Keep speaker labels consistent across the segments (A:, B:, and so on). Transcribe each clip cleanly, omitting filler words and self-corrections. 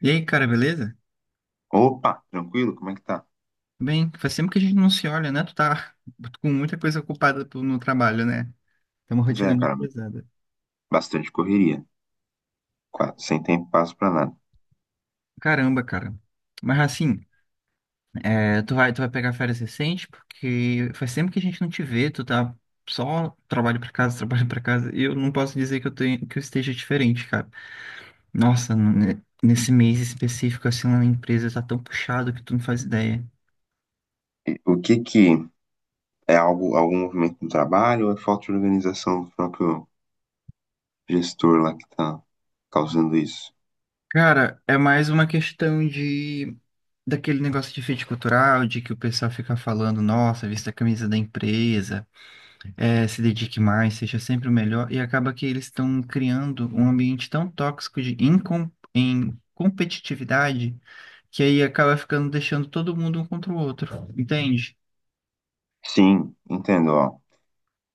A: E aí, cara, beleza?
B: Opa, tranquilo? Como é que tá?
A: Bem, faz tempo que a gente não se olha, né? Tu tá com muita coisa ocupada no trabalho, né? Tem uma
B: Pois é,
A: rotina muito
B: cara,
A: pesada.
B: bastante correria, quase sem tempo passo pra nada.
A: Caramba, cara. Mas assim, tu vai pegar férias recente, porque faz tempo que a gente não te vê, tu tá só trabalho pra casa, trabalho pra casa, e eu não posso dizer que que eu esteja diferente, cara. Nossa, nesse mês específico, assim, lá na empresa tá tão puxado que tu não faz ideia.
B: E o que que é? Algo, algum movimento no trabalho ou é falta de organização do próprio gestor lá que tá causando isso?
A: Cara, é mais uma questão de daquele negócio de fit cultural, de que o pessoal fica falando, nossa, vista a camisa da empresa, se dedique mais, seja sempre o melhor, e acaba que eles estão criando um ambiente tão tóxico de incom em competitividade, que aí acaba ficando deixando todo mundo um contra o outro, entende?
B: Sim, entendo, ó.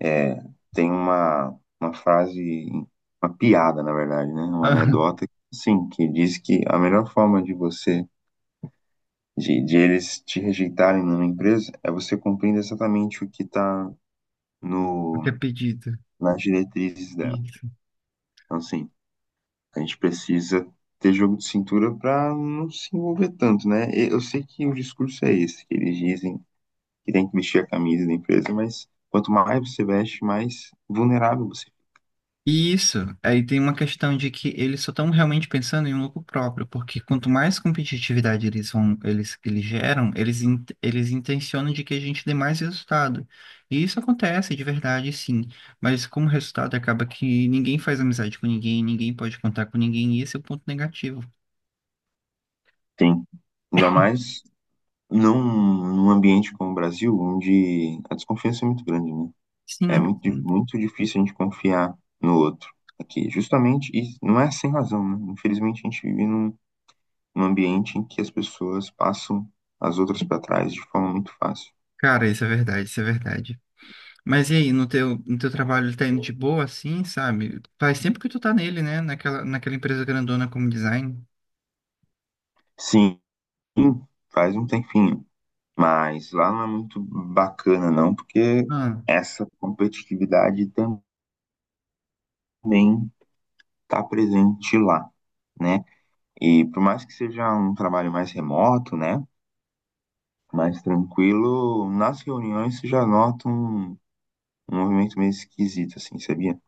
B: É, tem uma, uma frase, uma piada, na verdade, né? Uma anedota, sim, que diz que a melhor forma de você, de eles te rejeitarem numa empresa é você cumprindo exatamente o que tá
A: o que é
B: no
A: pedido.
B: nas diretrizes dela. Então, assim, a gente precisa ter jogo de cintura para não se envolver tanto, né? E eu sei que o discurso é esse, que eles dizem que tem que vestir a camisa da empresa, mas quanto mais você veste, mais vulnerável você
A: Isso, aí tem uma questão de que eles só estão realmente pensando em um lucro próprio, porque quanto mais competitividade eles geram, eles intencionam de que a gente dê mais resultado. E isso acontece de verdade, sim. Mas como resultado acaba que ninguém faz amizade com ninguém, ninguém pode contar com ninguém, e esse é o ponto negativo.
B: tem. Ainda mais num, num ambiente como o Brasil, onde a desconfiança é muito grande, né? É
A: Sim,
B: muito,
A: sim.
B: muito difícil a gente confiar no outro aqui, justamente, e não é sem razão, né? Infelizmente a gente vive um ambiente em que as pessoas passam as outras para trás de forma muito fácil.
A: Cara, isso é verdade, isso é verdade. Mas e aí, no teu trabalho, ele tá indo de boa, assim, sabe? Faz tempo que tu tá nele, né? Naquela empresa grandona como design.
B: Sim, faz um tempinho, mas lá não é muito bacana não, porque
A: Ah.
B: essa competitividade também está presente lá, né? E por mais que seja um trabalho mais remoto, né, mais tranquilo, nas reuniões você já nota um, um movimento meio esquisito, assim, sabia?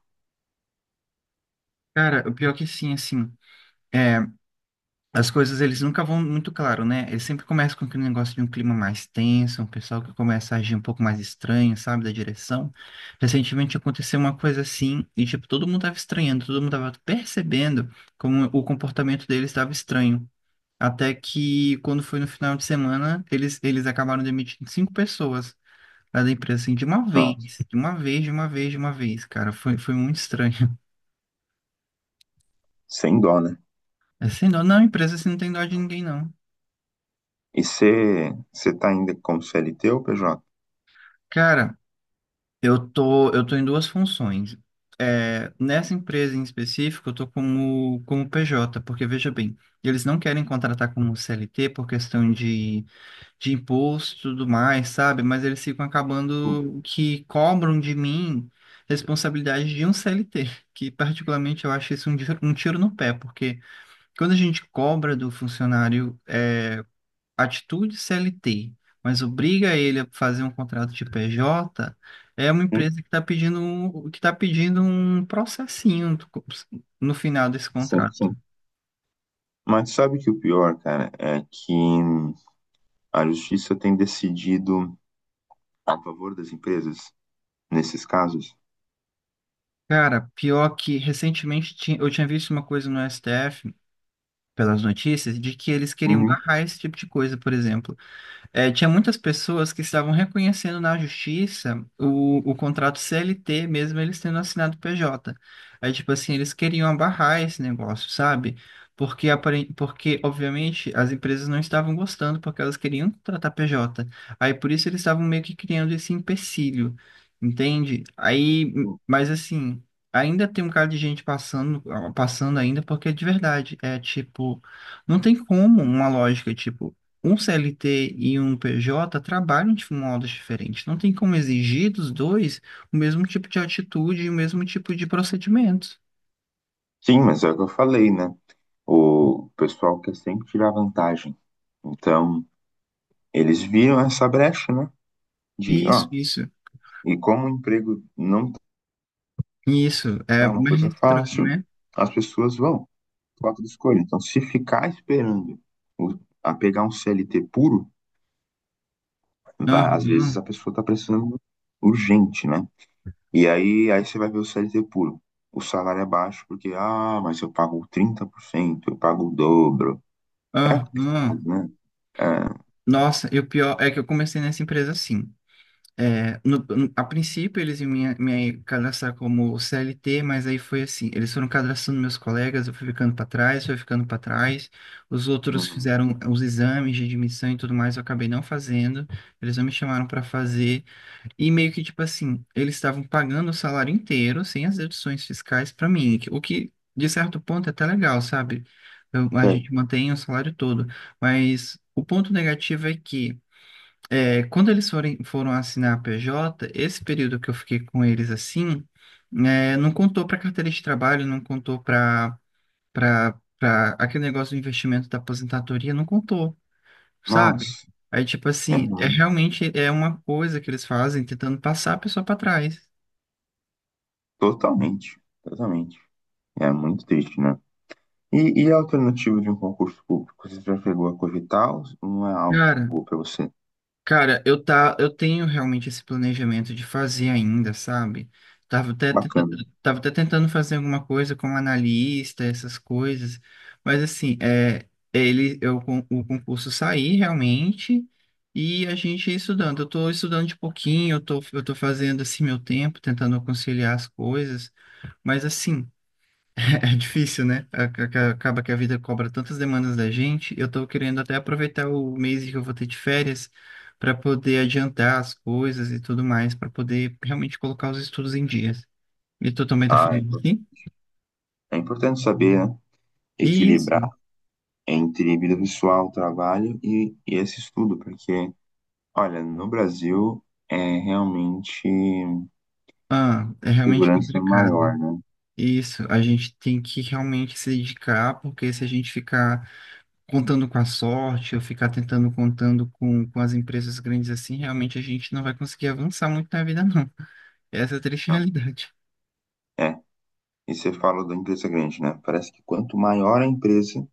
A: Cara, o pior que sim, assim, é, as coisas eles nunca vão muito claro, né? Eles sempre começam com aquele negócio de um clima mais tenso, um pessoal que começa a agir um pouco mais estranho, sabe, da direção. Recentemente aconteceu uma coisa assim, e tipo, todo mundo tava estranhando, todo mundo tava percebendo como o comportamento deles estava estranho. Até que quando foi no final de semana, eles acabaram demitindo cinco pessoas lá da empresa, assim, de uma vez,
B: Nossa,
A: de uma vez, de uma vez, de uma vez, cara. Foi, foi muito estranho.
B: sem dó, né?
A: É, sem dó, não, empresa assim não tem dó de ninguém, não.
B: E você tá ainda como CLT ou PJ?
A: Cara, eu tô em duas funções. É, nessa empresa em específico, eu tô como PJ, porque veja bem, eles não querem contratar como CLT por questão de imposto e tudo mais, sabe? Mas eles ficam acabando que cobram de mim responsabilidade de um CLT, que particularmente eu acho isso um tiro no pé, porque quando a gente cobra do funcionário, é, atitude CLT, mas obriga ele a fazer um contrato de PJ, é uma empresa que está que tá pedindo um processinho no final desse
B: Sim,
A: contrato.
B: sim. Mas sabe que o pior, cara, é que a justiça tem decidido a favor das empresas nesses casos?
A: Cara, pior que recentemente eu tinha visto uma coisa no STF, pelas notícias, de que eles queriam
B: Uhum.
A: barrar esse tipo de coisa, por exemplo. Tinha muitas pessoas que estavam reconhecendo na justiça o contrato CLT, mesmo eles tendo assinado PJ. Aí, tipo assim, eles queriam abarrar esse negócio, sabe? Porque, porque, obviamente, as empresas não estavam gostando, porque elas queriam contratar PJ. Aí, por isso, eles estavam meio que criando esse empecilho, entende? Aí, mas assim, ainda tem um cara de gente passando ainda, porque de verdade, é tipo. Não tem como uma lógica, tipo um CLT e um PJ trabalham de modos diferentes. Não tem como exigir dos dois o mesmo tipo de atitude e o mesmo tipo de procedimentos.
B: Sim, mas é o que eu falei, né? O pessoal quer sempre tirar vantagem. Então, eles viram essa brecha, né? De,
A: Isso,
B: ó,
A: isso,
B: e como o emprego não
A: isso. É
B: tá uma
A: mais
B: coisa
A: estranho,
B: fácil,
A: né?
B: as pessoas vão, falta de escolha. Então, se ficar esperando o- a pegar um CLT puro, vai, às vezes
A: Aham,
B: a pessoa tá precisando urgente, né? E aí, você vai ver o CLT puro. O salário é baixo porque, ah, mas eu pago 30%, eu pago o dobro. É complicado,
A: aham.
B: né? É,
A: Nossa, e o pior é que eu comecei nessa empresa assim. É, a princípio eles iam me cadastrar como CLT, mas aí foi assim, eles foram cadastrando meus colegas, eu fui ficando para trás, fui ficando para trás, os outros
B: uhum.
A: fizeram os exames de admissão e tudo mais, eu acabei não fazendo, eles não me chamaram para fazer, e meio que tipo assim, eles estavam pagando o salário inteiro, sem as deduções fiscais para mim, o que de certo ponto é até legal, sabe? A
B: Sei.
A: gente mantém o salário todo, mas o ponto negativo é que é, foram assinar a PJ, esse período que eu fiquei com eles assim, né, não contou para carteira de trabalho, não contou para aquele negócio do investimento da aposentadoria, não contou, sabe?
B: Nossa,
A: Aí, tipo
B: é
A: assim,
B: ruim.
A: realmente é uma coisa que eles fazem tentando passar a pessoa para trás.
B: Totalmente, totalmente. É muito triste, né? E a alternativa de um concurso público? Você já chegou a cogitar ou não é algo
A: Cara,
B: para você?
A: Cara, eu tenho realmente esse planejamento de fazer ainda, sabe? Tava até, tenta-
B: Bacana.
A: tava até tentando fazer alguma coisa como analista, essas coisas, mas assim, o concurso sair realmente e a gente ia estudando. Eu tô estudando de pouquinho, eu tô fazendo assim meu tempo, tentando conciliar as coisas, mas assim. É difícil, né? Acaba que a vida cobra tantas demandas da gente. Eu tô querendo até aproveitar o mês que eu vou ter de férias para poder adiantar as coisas e tudo mais, para poder realmente colocar os estudos em dias. E tu também tá
B: Ah,
A: falando assim?
B: é importante saber, né? Equilibrar
A: Isso.
B: entre vida pessoal, trabalho e esse estudo, porque olha, no Brasil é realmente uma
A: Ah, é realmente
B: segurança maior,
A: complicado.
B: né?
A: Isso, a gente tem que realmente se dedicar, porque se a gente ficar contando com a sorte ou ficar tentando contando com as empresas grandes assim, realmente a gente não vai conseguir avançar muito na vida, não. Essa é a triste
B: Então,
A: realidade.
B: é. E você fala da empresa grande, né? Parece que quanto maior a empresa,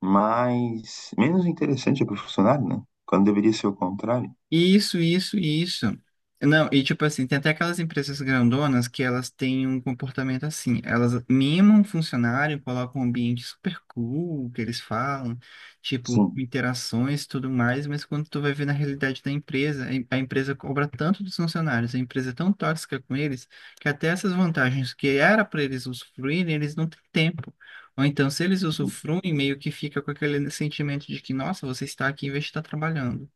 B: mais menos interessante é para o funcionário, né? Quando deveria ser o contrário.
A: Isso, isso, isso. Não, e tipo assim, tem até aquelas empresas grandonas que elas têm um comportamento assim, elas mimam o funcionário, colocam um ambiente super cool, que eles falam, tipo, com
B: Sim,
A: interações e tudo mais, mas quando tu vai ver na realidade da empresa, a empresa cobra tanto dos funcionários, a empresa é tão tóxica com eles, que até essas vantagens que era para eles usufruírem, eles não têm tempo. Ou então, se eles usufruem, meio que fica com aquele sentimento de que, nossa, você está aqui em vez de estar trabalhando.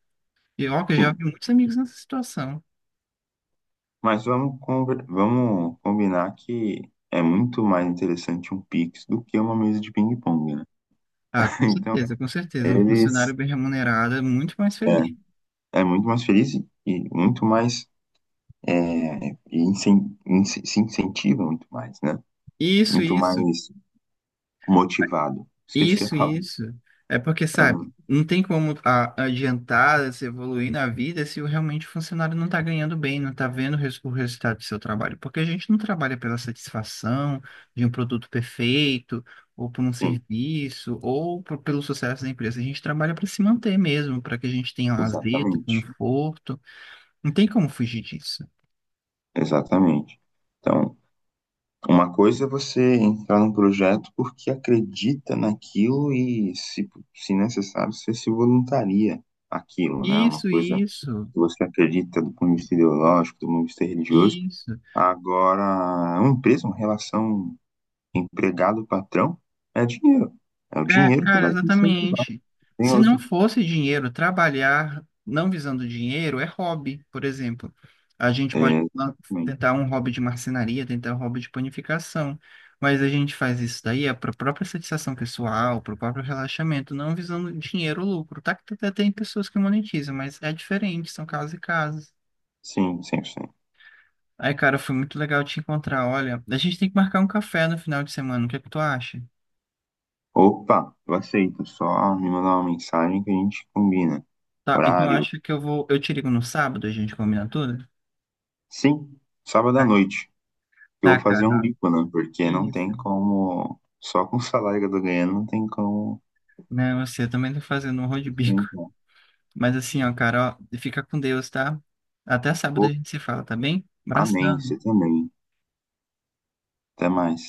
A: E ó, que eu já
B: sim.
A: vi muitos amigos nessa situação.
B: Mas vamos, vamos combinar que é muito mais interessante um Pix do que uma mesa de ping-pong, né?
A: Ah, com
B: Então,
A: certeza, com certeza. Um funcionário
B: eles
A: bem remunerado é muito mais feliz.
B: é, é muito mais feliz e muito mais é, e se incentiva muito mais, né?
A: Isso,
B: Muito
A: isso,
B: mais motivado. Esqueci a
A: isso,
B: palavra.
A: isso. É porque, sabe,
B: Ah,
A: não tem como adiantar, se evoluir na vida se realmente o funcionário não está ganhando bem, não está vendo o resultado do seu trabalho. Porque a gente não trabalha pela satisfação de um produto perfeito, ou por um
B: sim,
A: serviço, ou pelo sucesso da empresa. A gente trabalha para se manter mesmo, para que a gente tenha lazer,
B: exatamente.
A: conforto. Não tem como fugir disso.
B: Exatamente. Então, uma coisa é você entrar num projeto porque acredita naquilo e, se necessário, você se voluntaria aquilo, né? Uma
A: Isso,
B: coisa
A: isso,
B: que você acredita do ponto de vista ideológico, do ponto de vista religioso.
A: isso.
B: Agora, uma empresa, uma relação empregado patrão é dinheiro. É o dinheiro que
A: Cara,
B: vai te incentivar.
A: exatamente.
B: Tem
A: Se não
B: outra.
A: fosse dinheiro, trabalhar não visando dinheiro é hobby, por exemplo. A gente pode
B: É,
A: lan-
B: também.
A: tentar um hobby de marcenaria, tentar um hobby de panificação, mas a gente faz isso daí é para a própria satisfação pessoal, para o próprio relaxamento, não visando dinheiro ou lucro. Tá que até tem pessoas que monetizam, mas é diferente, são casos e casos.
B: Sim, 100%.
A: Aí, cara, foi muito legal te encontrar. Olha, a gente tem que marcar um café no final de semana. O que é que tu acha?
B: Opa, eu aceito. Só me mandar uma mensagem que a gente combina.
A: Tá, então eu
B: Horário.
A: acho que eu vou. Eu te ligo no sábado, a gente combina tudo?
B: Sim, sábado
A: Tá,
B: à noite. Eu vou
A: tá,
B: fazer um
A: cara.
B: bico, né? Porque não
A: Isso.
B: tem como. Só com o salário que eu tô ganhando, não tem como
A: Né, você eu também tá fazendo um rol de bico.
B: sustentar.
A: Mas assim, ó, carol fica com Deus, tá? Até sábado a
B: Opa,
A: gente se fala, tá bem?
B: amém. Você
A: Abração.
B: também. Até mais.